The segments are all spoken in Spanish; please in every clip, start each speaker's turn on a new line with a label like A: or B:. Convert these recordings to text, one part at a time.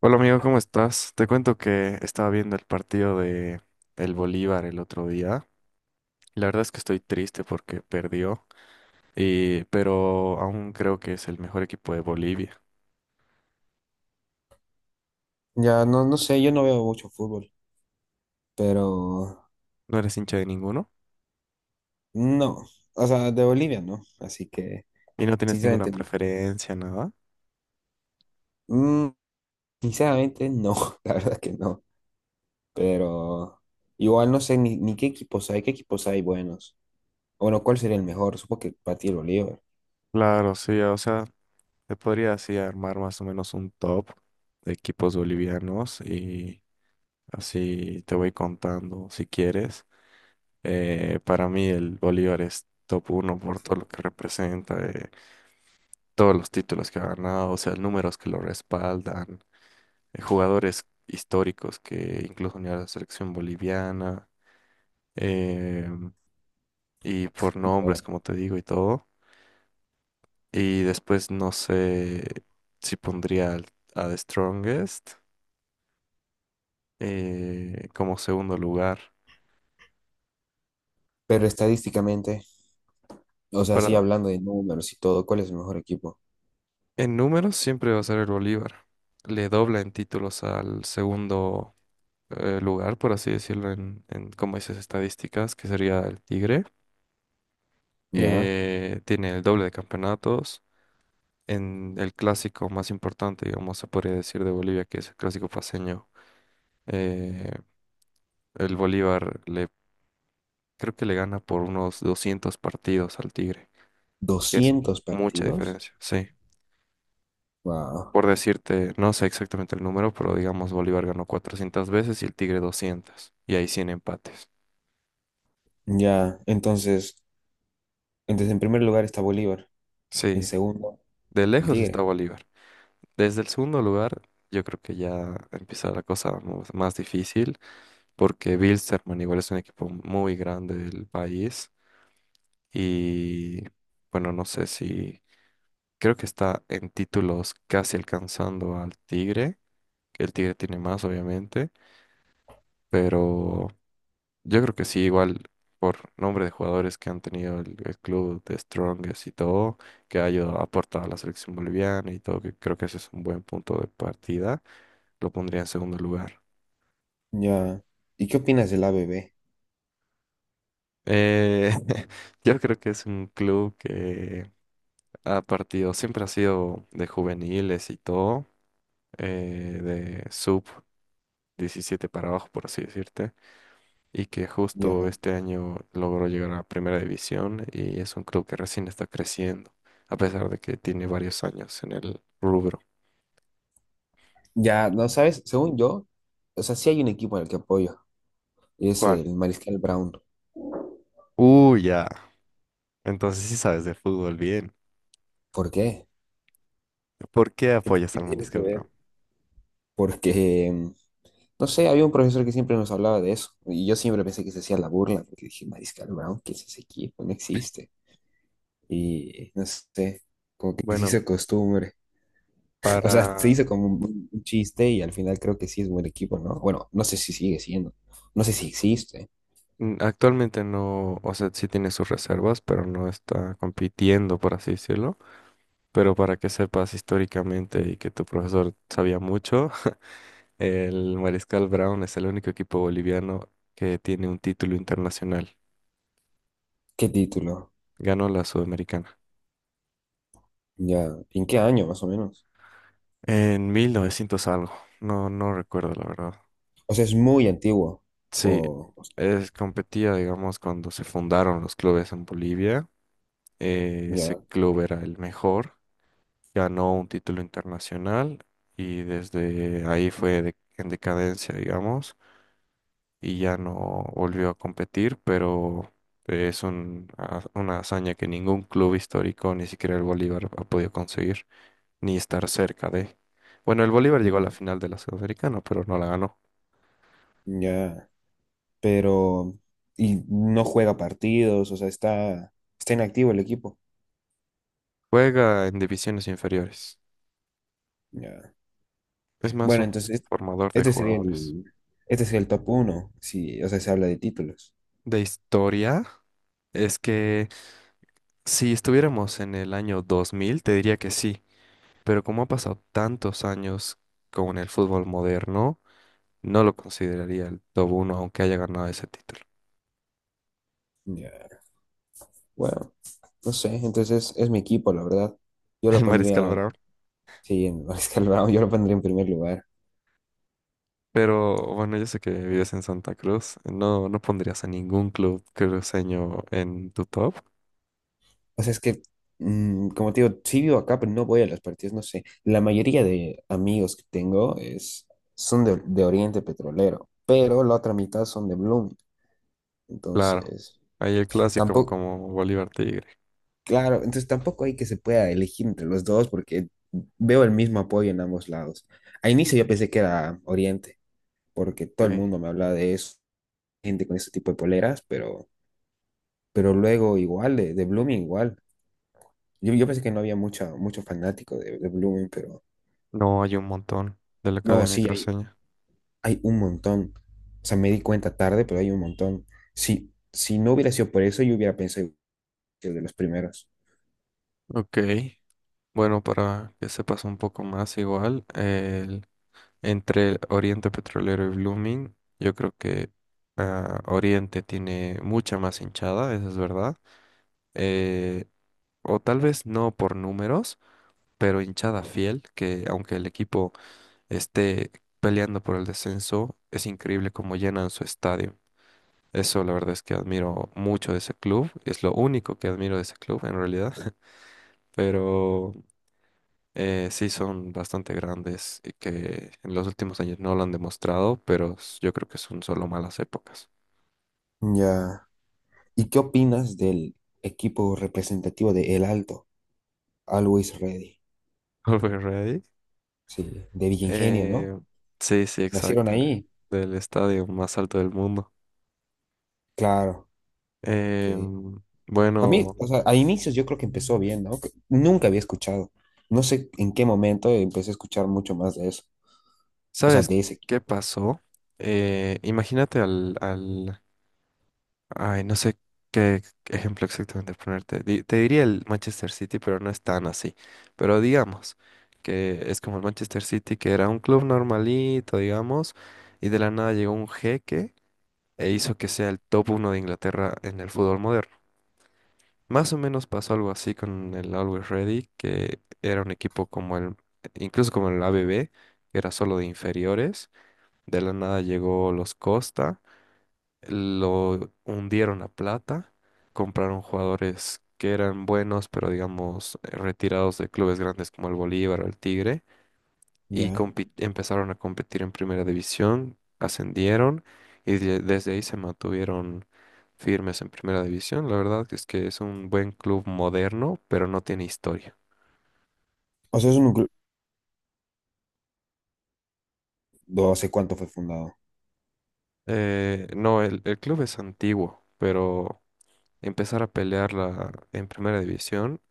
A: Hola amigo, ¿cómo estás? Te cuento que estaba viendo el partido de el Bolívar el otro día. La verdad es que estoy triste porque perdió, pero aún creo que es el mejor equipo de Bolivia.
B: Ya no sé, yo no veo mucho fútbol, pero
A: ¿No eres hincha de ninguno?
B: no, o sea, de Bolivia no, así que
A: ¿Y no tienes ninguna
B: sinceramente no.
A: preferencia, nada?
B: Mm, sinceramente no, la verdad que no, pero igual no sé ni qué equipos hay, qué equipos hay buenos. Bueno, ¿cuál sería el mejor? Supongo que para ti el Bolívar,
A: Claro, sí, o sea, te podría así armar más o menos un top de equipos bolivianos y así te voy contando si quieres. Para mí el Bolívar es top uno por todo lo que representa. Todos los títulos que ha ganado, o sea, números que lo respaldan, jugadores históricos que incluso unió a la selección boliviana, eh, y por nombres,
B: ya.
A: como te digo, y todo. Y después no sé si pondría a The Strongest como segundo lugar.
B: Pero estadísticamente, o sea, sí
A: Para,
B: hablando de números y todo, ¿cuál es el mejor equipo?
A: en números siempre va a ser el Bolívar. Le dobla en títulos al segundo lugar, por así decirlo, en como dices, estadísticas, que sería el Tigre.
B: Ya,
A: Tiene el doble de campeonatos. En el clásico más importante, digamos, se podría decir de Bolivia, que es el clásico paceño, eh, el Bolívar creo que le gana por unos 200 partidos al Tigre, que es
B: 200
A: mucha
B: partidos.
A: diferencia, sí.
B: Wow.
A: Por decirte, no sé exactamente el número, pero digamos, Bolívar ganó 400 veces y el Tigre 200, y hay 100 empates.
B: Ya, entonces, entonces en primer lugar está Bolívar, en
A: Sí,
B: segundo
A: de
B: el
A: lejos está
B: Tigre.
A: Bolívar. Desde el segundo lugar, yo creo que ya empieza la cosa más difícil. Porque Bilsterman igual es un equipo muy grande del país y bueno, no sé si creo que está en títulos casi alcanzando al Tigre, que el Tigre tiene más obviamente, pero yo creo que sí, igual por nombre de jugadores que han tenido el club de Strongest y todo, que ha ayudado, ha aportado a la selección boliviana y todo, que creo que ese es un buen punto de partida, lo pondría en segundo lugar.
B: Ya. ¿Y qué opinas del ABB?
A: Eh, yo creo que es un club que a partidos, siempre ha sido de juveniles y todo, eh, de sub 17 para abajo, por así decirte, y que justo
B: Ya.
A: este año logró llegar a primera división y es un club que recién está creciendo, a pesar de que tiene varios años en el rubro.
B: Ya, no sabes, según yo, o sea, sí hay un equipo al que apoyo, y es
A: ¿Cuál?
B: el Mariscal Brown.
A: Uy, ya. Entonces sí sabes de fútbol bien.
B: ¿Por qué?
A: ¿Por qué
B: ¿Qué,
A: apoyas
B: qué
A: al
B: tiene que
A: Mariscal Brown?
B: ver? Porque, no sé, había un profesor que siempre nos hablaba de eso, y yo siempre pensé que se hacía la burla, porque dije, Mariscal Brown, ¿qué es ese equipo? No existe. Y no sé, que se
A: Bueno,
B: hizo costumbre. O sea, se
A: para...
B: hizo como un chiste y al final creo que sí es buen equipo, ¿no? Bueno, no sé si sigue siendo, no sé si existe.
A: actualmente no, o sea, sí tiene sus reservas, pero no está compitiendo, por así decirlo. Pero para que sepas históricamente y que tu profesor sabía mucho, el Mariscal Brown es el único equipo boliviano que tiene un título internacional.
B: ¿Qué título?
A: Ganó la Sudamericana.
B: Ya, ¿y ¿en qué año más o menos?
A: En 1900 algo. No, no recuerdo la verdad.
B: O sea, es muy antiguo.
A: Sí,
B: O, o-
A: competía, digamos, cuando se fundaron los clubes en Bolivia. Ese
B: ya,
A: club era el mejor. Ganó un título internacional y desde ahí fue en decadencia, digamos y ya no volvió a competir, pero es una hazaña que ningún club histórico, ni siquiera el Bolívar, ha podido conseguir, ni estar cerca de. Bueno, el Bolívar llegó a
B: ya,
A: la final de la Sudamericana, pero no la ganó.
B: ya. Pero, y no juega partidos, o sea, está inactivo el equipo.
A: Juega en divisiones inferiores.
B: Ya.
A: Es más
B: Bueno,
A: un
B: entonces,
A: formador de
B: este sería
A: jugadores.
B: el, este sería el top 1, si, o sea, se habla de títulos.
A: De historia, es que si estuviéramos en el año 2000, te diría que sí, pero como ha pasado tantos años con el fútbol moderno, no lo consideraría el top uno aunque haya ganado ese título,
B: Ya. Bueno, no sé, entonces es mi equipo, la verdad. Yo
A: el
B: lo
A: Mariscal
B: pondría,
A: Brown.
B: sí, en Mariscal Brown, yo lo pondría en primer lugar.
A: Pero bueno, yo sé que vives en Santa Cruz. No, no pondrías a ningún club cruceño en tu top.
B: O sea, es que, como te digo, sí vivo acá, pero no voy a los partidos, no sé. La mayoría de amigos que tengo es, son de Oriente Petrolero, pero la otra mitad son de Blooming.
A: Claro,
B: Entonces,
A: hay el clásico
B: tampoco,
A: como Bolívar Tigre.
B: claro, entonces tampoco hay que se pueda elegir entre los dos porque veo el mismo apoyo en ambos lados. A inicio yo pensé que era Oriente, porque todo el
A: Ok.
B: mundo me hablaba de eso, gente con ese tipo de poleras, pero luego igual, de Blooming igual. Yo pensé que no había mucha, mucho fanático de Blooming, pero...
A: No hay un montón de la
B: No,
A: Academia
B: sí, hay,
A: Cruceña.
B: hay un montón. O sea, me di cuenta tarde, pero hay un montón. Si no hubiera sido por eso, yo hubiera pensado que de los primeros.
A: Ok, bueno, para que sepas un poco más igual, entre Oriente Petrolero y Blooming, yo creo que Oriente tiene mucha más hinchada, eso es verdad. eh, o tal vez no por números, pero hinchada fiel, que aunque el equipo esté peleando por el descenso, es increíble cómo llenan su estadio. Eso la verdad es que admiro mucho de ese club, es lo único que admiro de ese club en realidad, pero sí son bastante grandes y que en los últimos años no lo han demostrado, pero yo creo que son solo malas épocas.
B: Ya. ¿Y qué opinas del equipo representativo de El Alto? Always Ready.
A: Are we ready?
B: Sí, de Villa Ingenio,
A: Eh,
B: ¿no?
A: sí, sí,
B: Nacieron
A: exacto,
B: ahí.
A: del estadio más alto del mundo.
B: Claro. Que...
A: Em,
B: A mí,
A: bueno,
B: o sea, a inicios yo creo que empezó bien, ¿no? Que nunca había escuchado. No sé en qué momento empecé a escuchar mucho más de eso. O sea,
A: ¿sabes
B: de ese
A: qué
B: equipo.
A: pasó? Imagínate ay, no sé qué ejemplo exactamente ponerte. Te diría el Manchester City, pero no es tan así. Pero digamos que es como el Manchester City, que era un club normalito, digamos, y de la nada llegó un jeque e hizo que sea el top uno de Inglaterra en el fútbol moderno. Más o menos pasó algo así con el Always Ready, que era un equipo como incluso como el ABB, que era solo de inferiores. De la nada llegó los Costa, lo hundieron a plata, compraron jugadores que eran buenos, pero digamos retirados de clubes grandes como el Bolívar o el Tigre y
B: Ya.
A: empezaron a competir en primera división, ascendieron y desde ahí se mantuvieron firmes en primera división. La verdad que es un buen club moderno, pero no tiene historia.
B: O sea, es un grupo. No sé cuánto fue fundado.
A: No, el club es antiguo, pero empezar a pelearla en primera división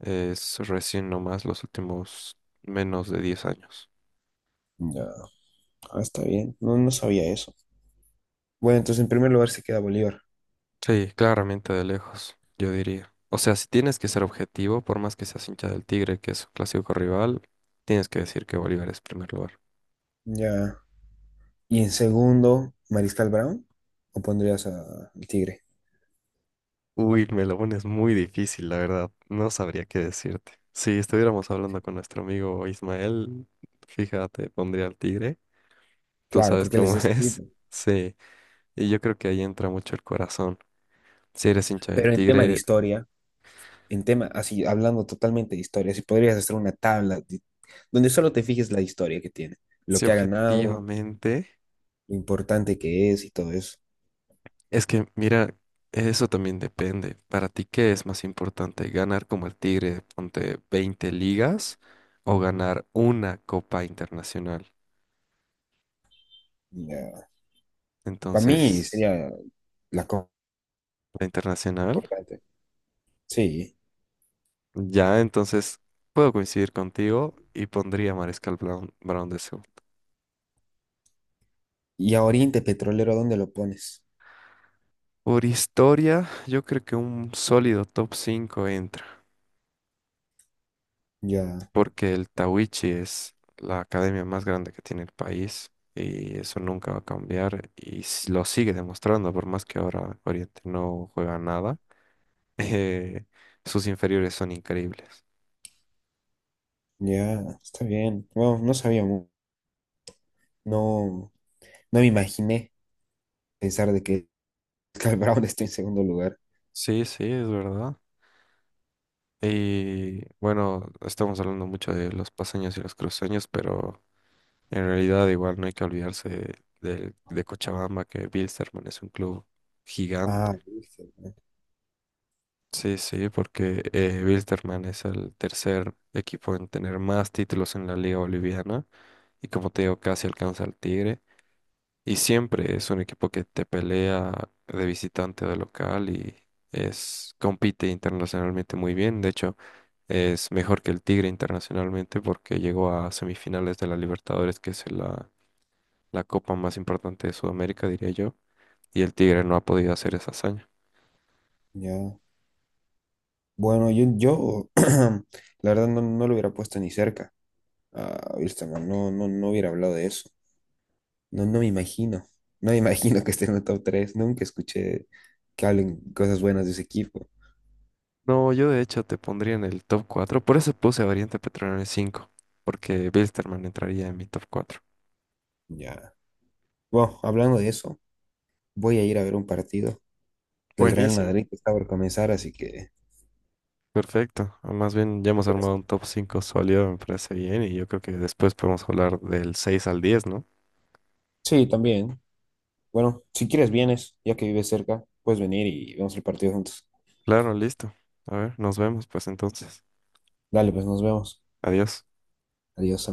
A: es recién nomás los últimos menos de 10 años.
B: Ya. Ah, está bien. No, no sabía eso. Bueno, entonces en primer lugar se queda Bolívar.
A: Sí, claramente de lejos, yo diría. O sea, si tienes que ser objetivo, por más que seas hincha del Tigre, que es su clásico rival, tienes que decir que Bolívar es primer lugar.
B: Ya. Y en segundo, Mariscal Brown. ¿O pondrías al Tigre?
A: Uy, me lo pones muy difícil, la verdad. No sabría qué decirte. Si estuviéramos hablando con nuestro amigo Ismael, fíjate, pondría al Tigre. Tú
B: Claro,
A: sabes
B: porque él es
A: cómo
B: de ese
A: es.
B: equipo.
A: Sí, y yo creo que ahí entra mucho el corazón. Si eres hincha del
B: Pero en tema de
A: Tigre,
B: historia, en tema, así, hablando totalmente de historia, si podrías hacer una tabla donde solo te fijes la historia que tiene, lo
A: si
B: que ha ganado,
A: objetivamente.
B: lo importante que es y todo eso.
A: Es que, mira, eso también depende. Para ti, ¿qué es más importante? ¿Ganar como el Tigre, ponte 20 ligas o ganar una copa internacional?
B: Para mí
A: Entonces,
B: sería la cosa
A: la internacional,
B: importante. Sí.
A: ya, entonces puedo coincidir contigo y pondría a Mariscal Brown, de segundo.
B: Y a Oriente Petrolero, ¿dónde lo pones?
A: Por historia, yo creo que un sólido top 5 entra.
B: Ya.
A: Porque el Tawichi es la academia más grande que tiene el país y eso nunca va a cambiar y lo sigue demostrando, por más que ahora Oriente no juega nada, eh, sus inferiores son increíbles.
B: Ya, está bien. Bueno, no sabía, no, no me imaginé pensar de que Cal Brown está en segundo lugar.
A: Sí, sí, es verdad. Y bueno, estamos hablando mucho de los paseños y los cruceños, pero en realidad igual no hay que olvidarse de Cochabamba, que Bilsterman es un club
B: Ah,
A: gigante.
B: viste,
A: Sí, sí, porque Wilstermann es el tercer equipo en tener más títulos en la Liga Boliviana y como te digo, casi alcanza al Tigre. Y siempre es un equipo que te pelea de visitante o de local y compite internacionalmente muy bien. De hecho, es mejor que el Tigre internacionalmente porque llegó a semifinales de la Libertadores, que es la copa más importante de Sudamérica, diría yo, y el Tigre no ha podido hacer esa hazaña.
B: ya. Bueno, yo la verdad no, no lo hubiera puesto ni cerca a Wilstermann, no hubiera hablado de eso. No, no me imagino, no me imagino que esté en el top 3. Nunca escuché que hablen cosas buenas de ese equipo.
A: No, yo de hecho te pondría en el top 4. Por eso puse a Oriente Petrolero en 5, porque Bilsterman entraría en mi top cuatro.
B: Ya. Bueno, hablando de eso, voy a ir a ver un partido del Real
A: Buenísimo.
B: Madrid que está por comenzar, así que...
A: Perfecto. Ah, más bien ya hemos armado un top 5 sólido, me parece bien, y yo creo que después podemos hablar del 6 al 10, ¿no?
B: Sí, también. Bueno, si quieres vienes, ya que vives cerca, puedes venir y vemos el partido juntos.
A: Claro, listo. A ver, nos vemos pues entonces.
B: Dale, pues nos vemos.
A: Adiós.
B: Adiós, amigo.